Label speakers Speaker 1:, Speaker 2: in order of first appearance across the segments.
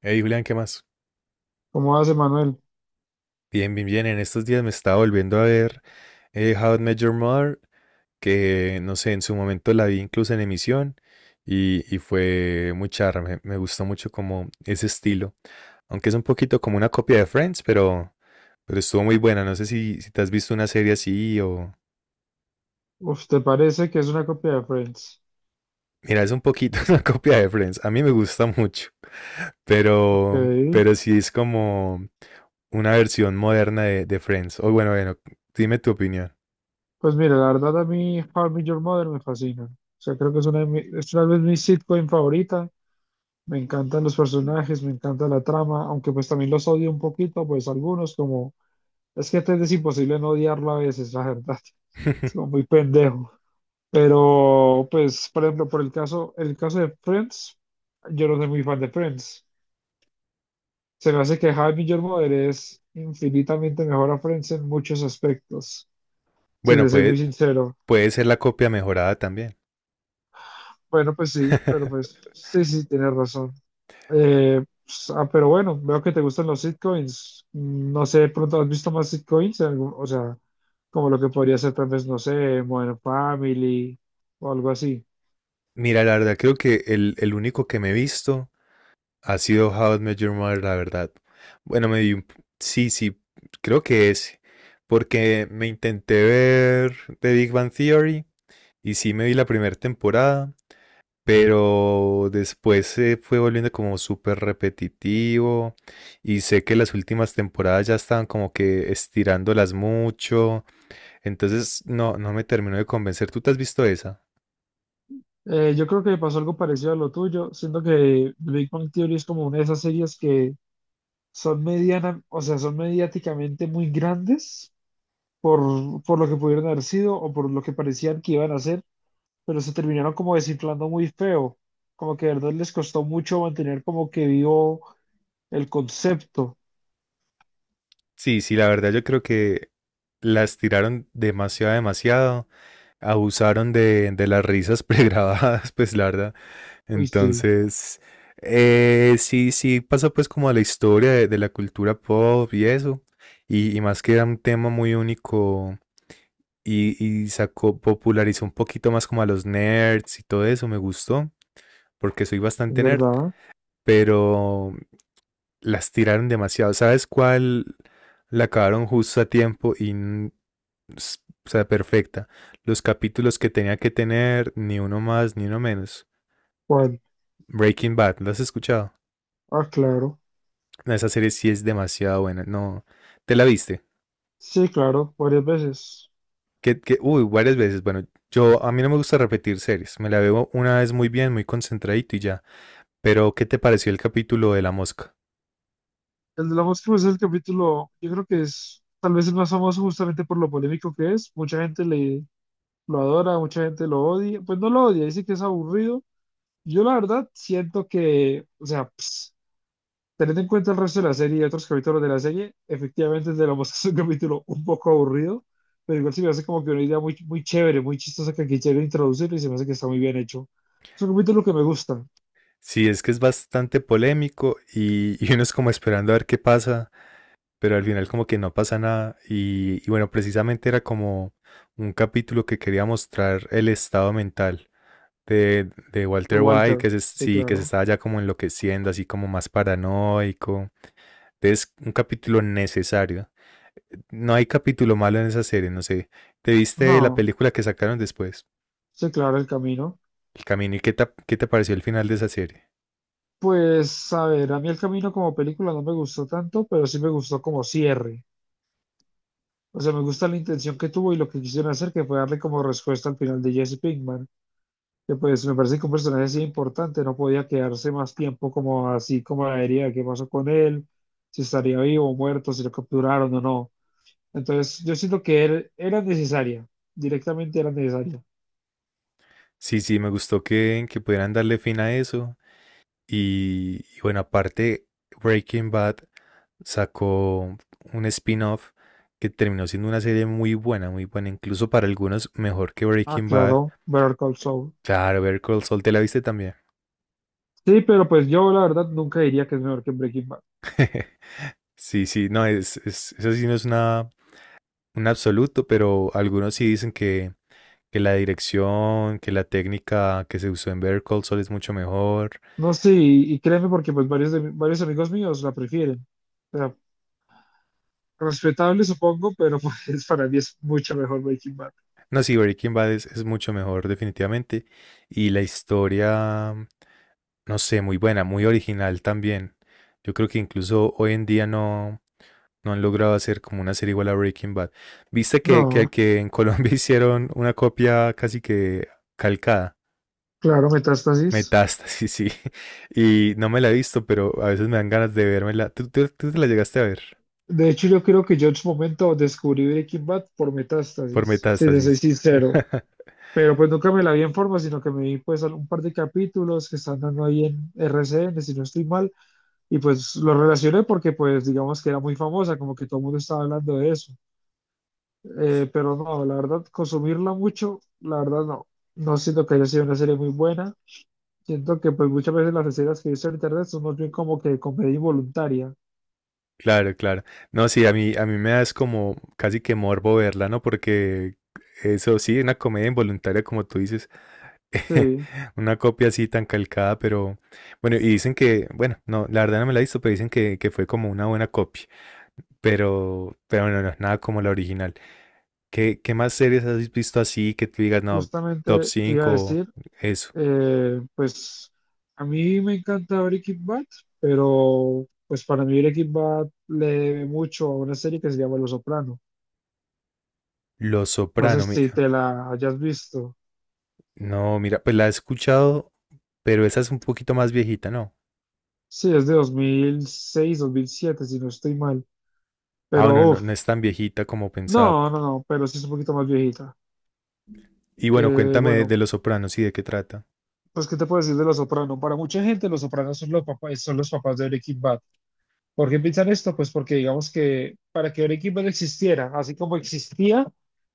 Speaker 1: Hey Julián, ¿qué más?
Speaker 2: ¿Cómo hace Manuel?
Speaker 1: Bien, bien, bien. En estos días me estaba volviendo a ver How I Met Your Mother, que no sé, en su momento la vi incluso en emisión y fue muy charra. Me gustó mucho como ese estilo. Aunque es un poquito como una copia de Friends, pero estuvo muy buena. No sé si te has visto una serie así o...
Speaker 2: Uf, ¿te parece que es una copia de Friends?
Speaker 1: Mira, es un poquito una copia de Friends. A mí me gusta mucho,
Speaker 2: Ok.
Speaker 1: pero sí es como una versión moderna de Friends. O bueno, bueno, dime tu opinión.
Speaker 2: Pues mira, la verdad a mí How I Met Your Mother me fascina. O sea, creo que es una de mi- es tal vez mi sitcom favorita. Me encantan los personajes, me encanta la trama, aunque pues también los odio un poquito, pues algunos como... Es que es imposible no odiarlo a veces, la verdad. Es como muy pendejo. Pero pues, por ejemplo, por el caso de Friends, yo no soy muy fan de Friends. Se me hace que Jaime Jormoder es infinitamente mejor a Friends en muchos aspectos, si te
Speaker 1: Bueno,
Speaker 2: soy muy
Speaker 1: puede,
Speaker 2: sincero.
Speaker 1: puede ser la copia mejorada también.
Speaker 2: Bueno, pues sí, pero pues sí, tienes razón. Pero bueno, veo que te gustan los sitcoms. No sé, de pronto has visto más sitcoms, Algún- o sea, como lo que podría ser tal vez, no sé, Modern Family o algo así.
Speaker 1: Mira, la verdad, creo que el único que me he visto ha sido How I Met Your Mother, la verdad. Bueno, me vi, un- p- Sí, sí, creo que es. Porque me intenté ver The Big Bang Theory y sí me vi la primera temporada, pero después se fue volviendo como súper repetitivo y sé que las últimas temporadas ya estaban como que estirándolas mucho. Entonces, no, no me terminó de convencer. ¿Tú te has visto esa?
Speaker 2: Yo creo que me pasó algo parecido a lo tuyo, siento que Big Bang Theory es como una de esas series que son mediana, o sea, son mediáticamente muy grandes por lo que pudieron haber sido o por lo que parecían que iban a hacer, pero se terminaron como desinflando muy feo, como que de verdad les costó mucho mantener como que vivo el concepto.
Speaker 1: Sí, sí, la verdad yo creo que la estiraron demasiado, demasiado. Abusaron de las risas pregrabadas, pues la verdad.
Speaker 2: Uy, sí,
Speaker 1: Entonces, sí, sí, pasa pues como a la historia de la cultura pop y eso. Y más que era un tema muy único y sacó, popularizó un poquito más como a los nerds y todo eso, me gustó porque soy
Speaker 2: es
Speaker 1: bastante nerd,
Speaker 2: verdad.
Speaker 1: pero las tiraron demasiado. ¿Sabes cuál? La acabaron justo a tiempo y, o sea, perfecta. Los capítulos que tenía que tener, ni uno más, ni uno menos.
Speaker 2: ¿Cuál?
Speaker 1: Breaking Bad, ¿lo has escuchado?
Speaker 2: Ah, claro.
Speaker 1: No, esa serie sí es demasiado buena. No, ¿te la viste?
Speaker 2: Sí, claro, varias veces.
Speaker 1: Uy, varias veces. Bueno, yo a mí no me gusta repetir series. Me la veo una vez muy bien, muy concentradito y ya. Pero, ¿qué te pareció el capítulo de la mosca?
Speaker 2: El de la mosca pues, es el capítulo, yo creo que es tal vez el más famoso justamente por lo polémico que es. Mucha gente le, lo adora, mucha gente lo odia. Pues no lo odia, dice que es aburrido. Yo la verdad siento que, o sea, teniendo en cuenta el resto de la serie y otros capítulos de la serie, efectivamente te lo mostraste un capítulo un poco aburrido, pero igual se me hace como que una idea muy, muy chévere, muy chistosa que quisieron introducir y se me hace que está muy bien hecho. Es un capítulo que me gusta,
Speaker 1: Sí, es que es bastante polémico y uno es como esperando a ver qué pasa, pero al final como que no pasa nada y bueno, precisamente era como un capítulo que quería mostrar el estado mental de
Speaker 2: de
Speaker 1: Walter White,
Speaker 2: Walter, sí,
Speaker 1: que se
Speaker 2: claro.
Speaker 1: estaba ya como enloqueciendo, así como más paranoico. Es un capítulo necesario. No hay capítulo malo en esa serie, no sé. ¿Te viste la
Speaker 2: No,
Speaker 1: película que sacaron después?
Speaker 2: sí, claro, el camino.
Speaker 1: El camino. ¿Y qué te pareció el final de esa serie?
Speaker 2: Pues, a ver, a mí el camino como película no me gustó tanto, pero sí me gustó como cierre. O sea, me gusta la intención que tuvo y lo que quisieron hacer, que fue darle como respuesta al final de Jesse Pinkman, que, pues me parece que un personaje así importante no podía quedarse más tiempo como así como la herida, qué pasó con él, si estaría vivo o muerto, si lo capturaron o no. Entonces yo siento que él era necesaria, directamente era necesaria.
Speaker 1: Sí, sí, me gustó que pudieran darle fin a eso. Y bueno, aparte, Breaking Bad sacó un spin-off que terminó siendo una serie muy buena, incluso para algunos mejor que
Speaker 2: Ah,
Speaker 1: Breaking Bad.
Speaker 2: claro, Better Call Saul.
Speaker 1: Claro, Better Call Saul, ¿te la viste también?
Speaker 2: Sí, pero pues yo la verdad nunca diría que es mejor que Breaking Bad.
Speaker 1: Sí, sí, no, eso sí no es una, un absoluto, pero algunos sí dicen que la dirección, que la técnica que se usó en Better Call Saul es mucho mejor.
Speaker 2: No sé, y créeme porque pues varios, de mi- varios amigos míos la prefieren. O sea, respetable supongo, pero pues para mí es mucho mejor Breaking Bad.
Speaker 1: No, sí, Breaking Bad es mucho mejor definitivamente. Y la historia, no sé, muy buena, muy original también. Yo creo que incluso hoy en día no, no han logrado hacer como una serie igual a Breaking Bad. ¿Viste que, que,
Speaker 2: No,
Speaker 1: que en Colombia hicieron una copia casi que calcada?
Speaker 2: claro, Metástasis.
Speaker 1: Metástasis, sí. Y no me la he visto, pero a veces me dan ganas de vérmela. ¿Tú te la llegaste a ver
Speaker 2: De hecho, yo creo que yo en su momento descubrí Breaking Bad por
Speaker 1: por
Speaker 2: Metástasis, si te soy
Speaker 1: Metástasis?
Speaker 2: sincero. Pero pues nunca me la vi en forma, sino que me vi pues un par de capítulos que están dando ahí en RCN, si no estoy mal, y pues lo relacioné porque pues digamos que era muy famosa, como que todo el mundo estaba hablando de eso. Pero no, la verdad, consumirla mucho, la verdad no. No siento que haya sido una serie muy buena. Siento que pues muchas veces las reseñas que he visto en internet son más bien como que comedia involuntaria.
Speaker 1: Claro, claro. No, sí, a mí me da es como casi que morbo verla, ¿no? Porque eso sí, una comedia involuntaria, como tú dices.
Speaker 2: Sí.
Speaker 1: Una copia así tan calcada, pero bueno, y dicen que, bueno, no, la verdad no me la he visto, pero dicen que fue como una buena copia, pero bueno, no es nada como la original. ¿Qué más series has visto así que tú digas, no, top
Speaker 2: Justamente te iba a
Speaker 1: 5
Speaker 2: decir,
Speaker 1: eso?
Speaker 2: pues a mí me encanta Breaking Bad, pero pues para mí Breaking Bad le debe mucho a una serie que se llama Los Soprano.
Speaker 1: Los
Speaker 2: No sé
Speaker 1: Soprano,
Speaker 2: si te la hayas visto.
Speaker 1: no, mira, pues la he escuchado, pero esa es un poquito más viejita, ¿no?
Speaker 2: Sí, es de 2006, 2007, si no estoy mal.
Speaker 1: Ah, bueno,
Speaker 2: Pero
Speaker 1: no,
Speaker 2: uff,
Speaker 1: no es tan viejita como pensaba.
Speaker 2: no, no, no, pero sí es un poquito más viejita.
Speaker 1: Y bueno, cuéntame de,
Speaker 2: Bueno,
Speaker 1: de Los Sopranos y de qué trata.
Speaker 2: pues ¿qué te puedo decir de Los Soprano? Para mucha gente Los Sopranos son los papás de Breaking Bad. ¿Por qué piensan esto? Pues porque digamos que para que un equipo existiera, así como existía,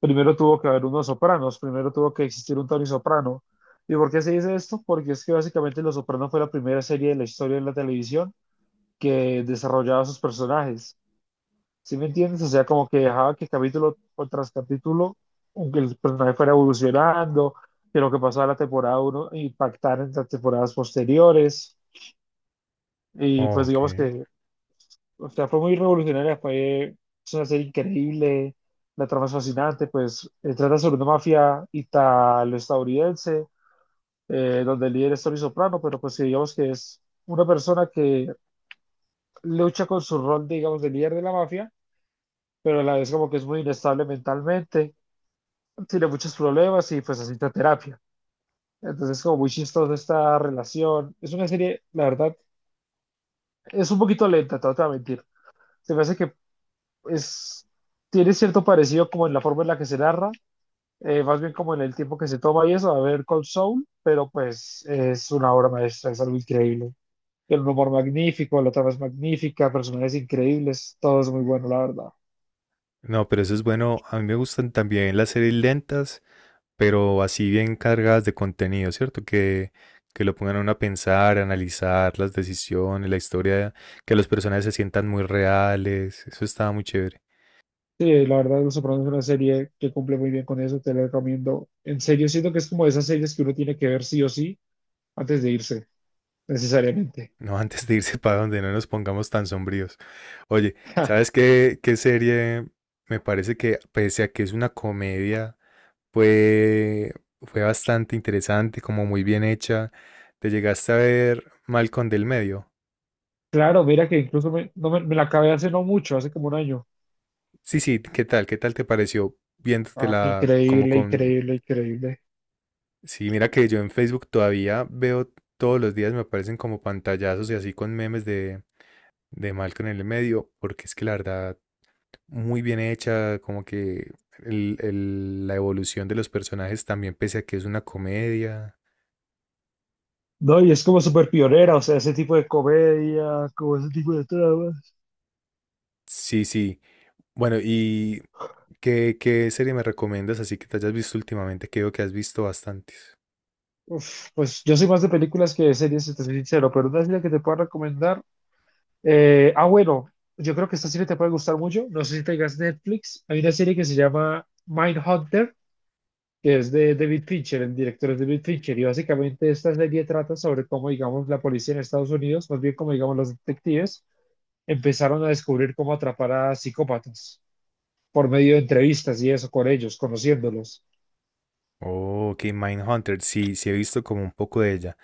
Speaker 2: primero tuvo que haber unos sopranos, primero tuvo que existir un Tony Soprano. ¿Y por qué se dice esto? Porque es que básicamente Los Soprano fue la primera serie de la historia de la televisión que desarrollaba sus personajes. ¿Sí me entiendes? O sea, como que dejaba que capítulo tras capítulo, aunque el personaje fuera evolucionando, que lo que pasaba en la temporada uno impactara en las temporadas posteriores. Y pues
Speaker 1: Ok.
Speaker 2: digamos que, o sea, fue muy revolucionaria, fue, es una serie increíble, la trama es fascinante, pues trata sobre una mafia italo-estadounidense, donde el líder es Tony Soprano, pero pues que digamos que es una persona que lucha con su rol, digamos, de líder de la mafia, pero a la vez como que es muy inestable mentalmente, tiene muchos problemas y pues asiste a terapia. Entonces como muy chistosa esta relación. Es una serie, la verdad, es un poquito lenta, te voy a mentir. Se me hace que es, tiene cierto parecido como en la forma en la que se narra, más bien como en el tiempo que se toma y eso, a ver con Soul, pero pues es una obra maestra, es algo increíble. El humor magnífico, la trama es magnífica, personajes increíbles, todo es muy bueno, la verdad.
Speaker 1: No, pero eso es bueno. A mí me gustan también las series lentas, pero así bien cargadas de contenido, ¿cierto? Que lo pongan a uno a pensar, a analizar las decisiones, la historia, que los personajes se sientan muy reales. Eso estaba muy chévere.
Speaker 2: Sí, la verdad, Los Sopranos es una serie que cumple muy bien con eso, te la recomiendo. En serio, siento que es como de esas series que uno tiene que ver sí o sí antes de irse, necesariamente.
Speaker 1: No, antes de irse para donde no nos pongamos tan sombríos. Oye, ¿sabes qué serie? Me parece que, pese a que es una comedia, fue, fue bastante interesante, como muy bien hecha. ¿Te llegaste a ver Malcolm del Medio?
Speaker 2: Claro, mira que incluso me, no me, me la acabé hace no mucho, hace como un año.
Speaker 1: Sí, sí, ¿qué tal? ¿Qué tal te pareció
Speaker 2: Ah,
Speaker 1: viéndotela como
Speaker 2: increíble,
Speaker 1: con...
Speaker 2: increíble, increíble.
Speaker 1: Sí, mira que yo en Facebook todavía veo todos los días, me aparecen como pantallazos y así con memes de Malcolm en el medio, porque es que la verdad, muy bien hecha, como que la evolución de los personajes también, pese a que es una comedia.
Speaker 2: No, y es como súper pionera, o sea, ese tipo de comedia, como ese tipo de tramas.
Speaker 1: Sí, sí. Bueno, ¿y qué serie me recomiendas así que te hayas visto últimamente? Que veo que has visto bastantes.
Speaker 2: Uf, pues yo soy más de películas que de series, si te soy sincero, pero una serie que te puedo recomendar. Bueno, yo creo que esta serie te puede gustar mucho. No sé si tengas Netflix. Hay una serie que se llama Mindhunter, que es de David Fincher, el director es David Fincher, y básicamente esta serie trata sobre cómo, digamos, la policía en Estados Unidos, más bien como, digamos, los detectives, empezaron a descubrir cómo atrapar a psicópatas por medio de entrevistas y eso con ellos, conociéndolos.
Speaker 1: Oh, ok, Mindhunter, sí, sí he visto como un poco de ella.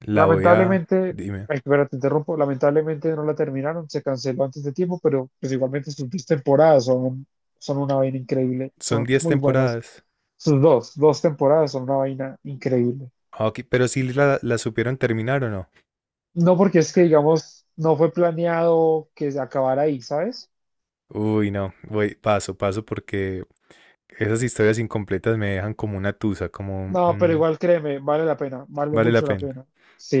Speaker 1: La voy a...
Speaker 2: Lamentablemente,
Speaker 1: Dime,
Speaker 2: ay, espera, te interrumpo, lamentablemente no la terminaron, se canceló antes de tiempo, pero pues igualmente sus dos temporadas son, un- son una vaina increíble,
Speaker 1: son
Speaker 2: son
Speaker 1: 10
Speaker 2: muy buenas.
Speaker 1: temporadas.
Speaker 2: Sus dos temporadas son una vaina increíble.
Speaker 1: Ah, ok, pero si la supieron terminar o no.
Speaker 2: No porque es que, digamos, no fue planeado que se acabara ahí, ¿sabes?
Speaker 1: Uy, no, voy paso, paso porque esas historias incompletas me dejan como una tusa, como
Speaker 2: No, pero igual créeme, vale la pena, vale
Speaker 1: vale la
Speaker 2: mucho la
Speaker 1: pena.
Speaker 2: pena.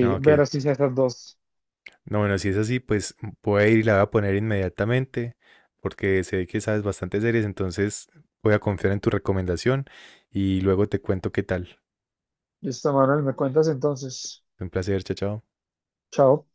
Speaker 1: No, ok.
Speaker 2: ver así esas dos.
Speaker 1: No, bueno, si es así, pues voy a ir y la voy a poner inmediatamente porque sé que sabes bastantes series, entonces voy a confiar en tu recomendación y luego te cuento qué tal.
Speaker 2: Listo, Manuel, me cuentas entonces.
Speaker 1: Un placer, chao, chao.
Speaker 2: Chao.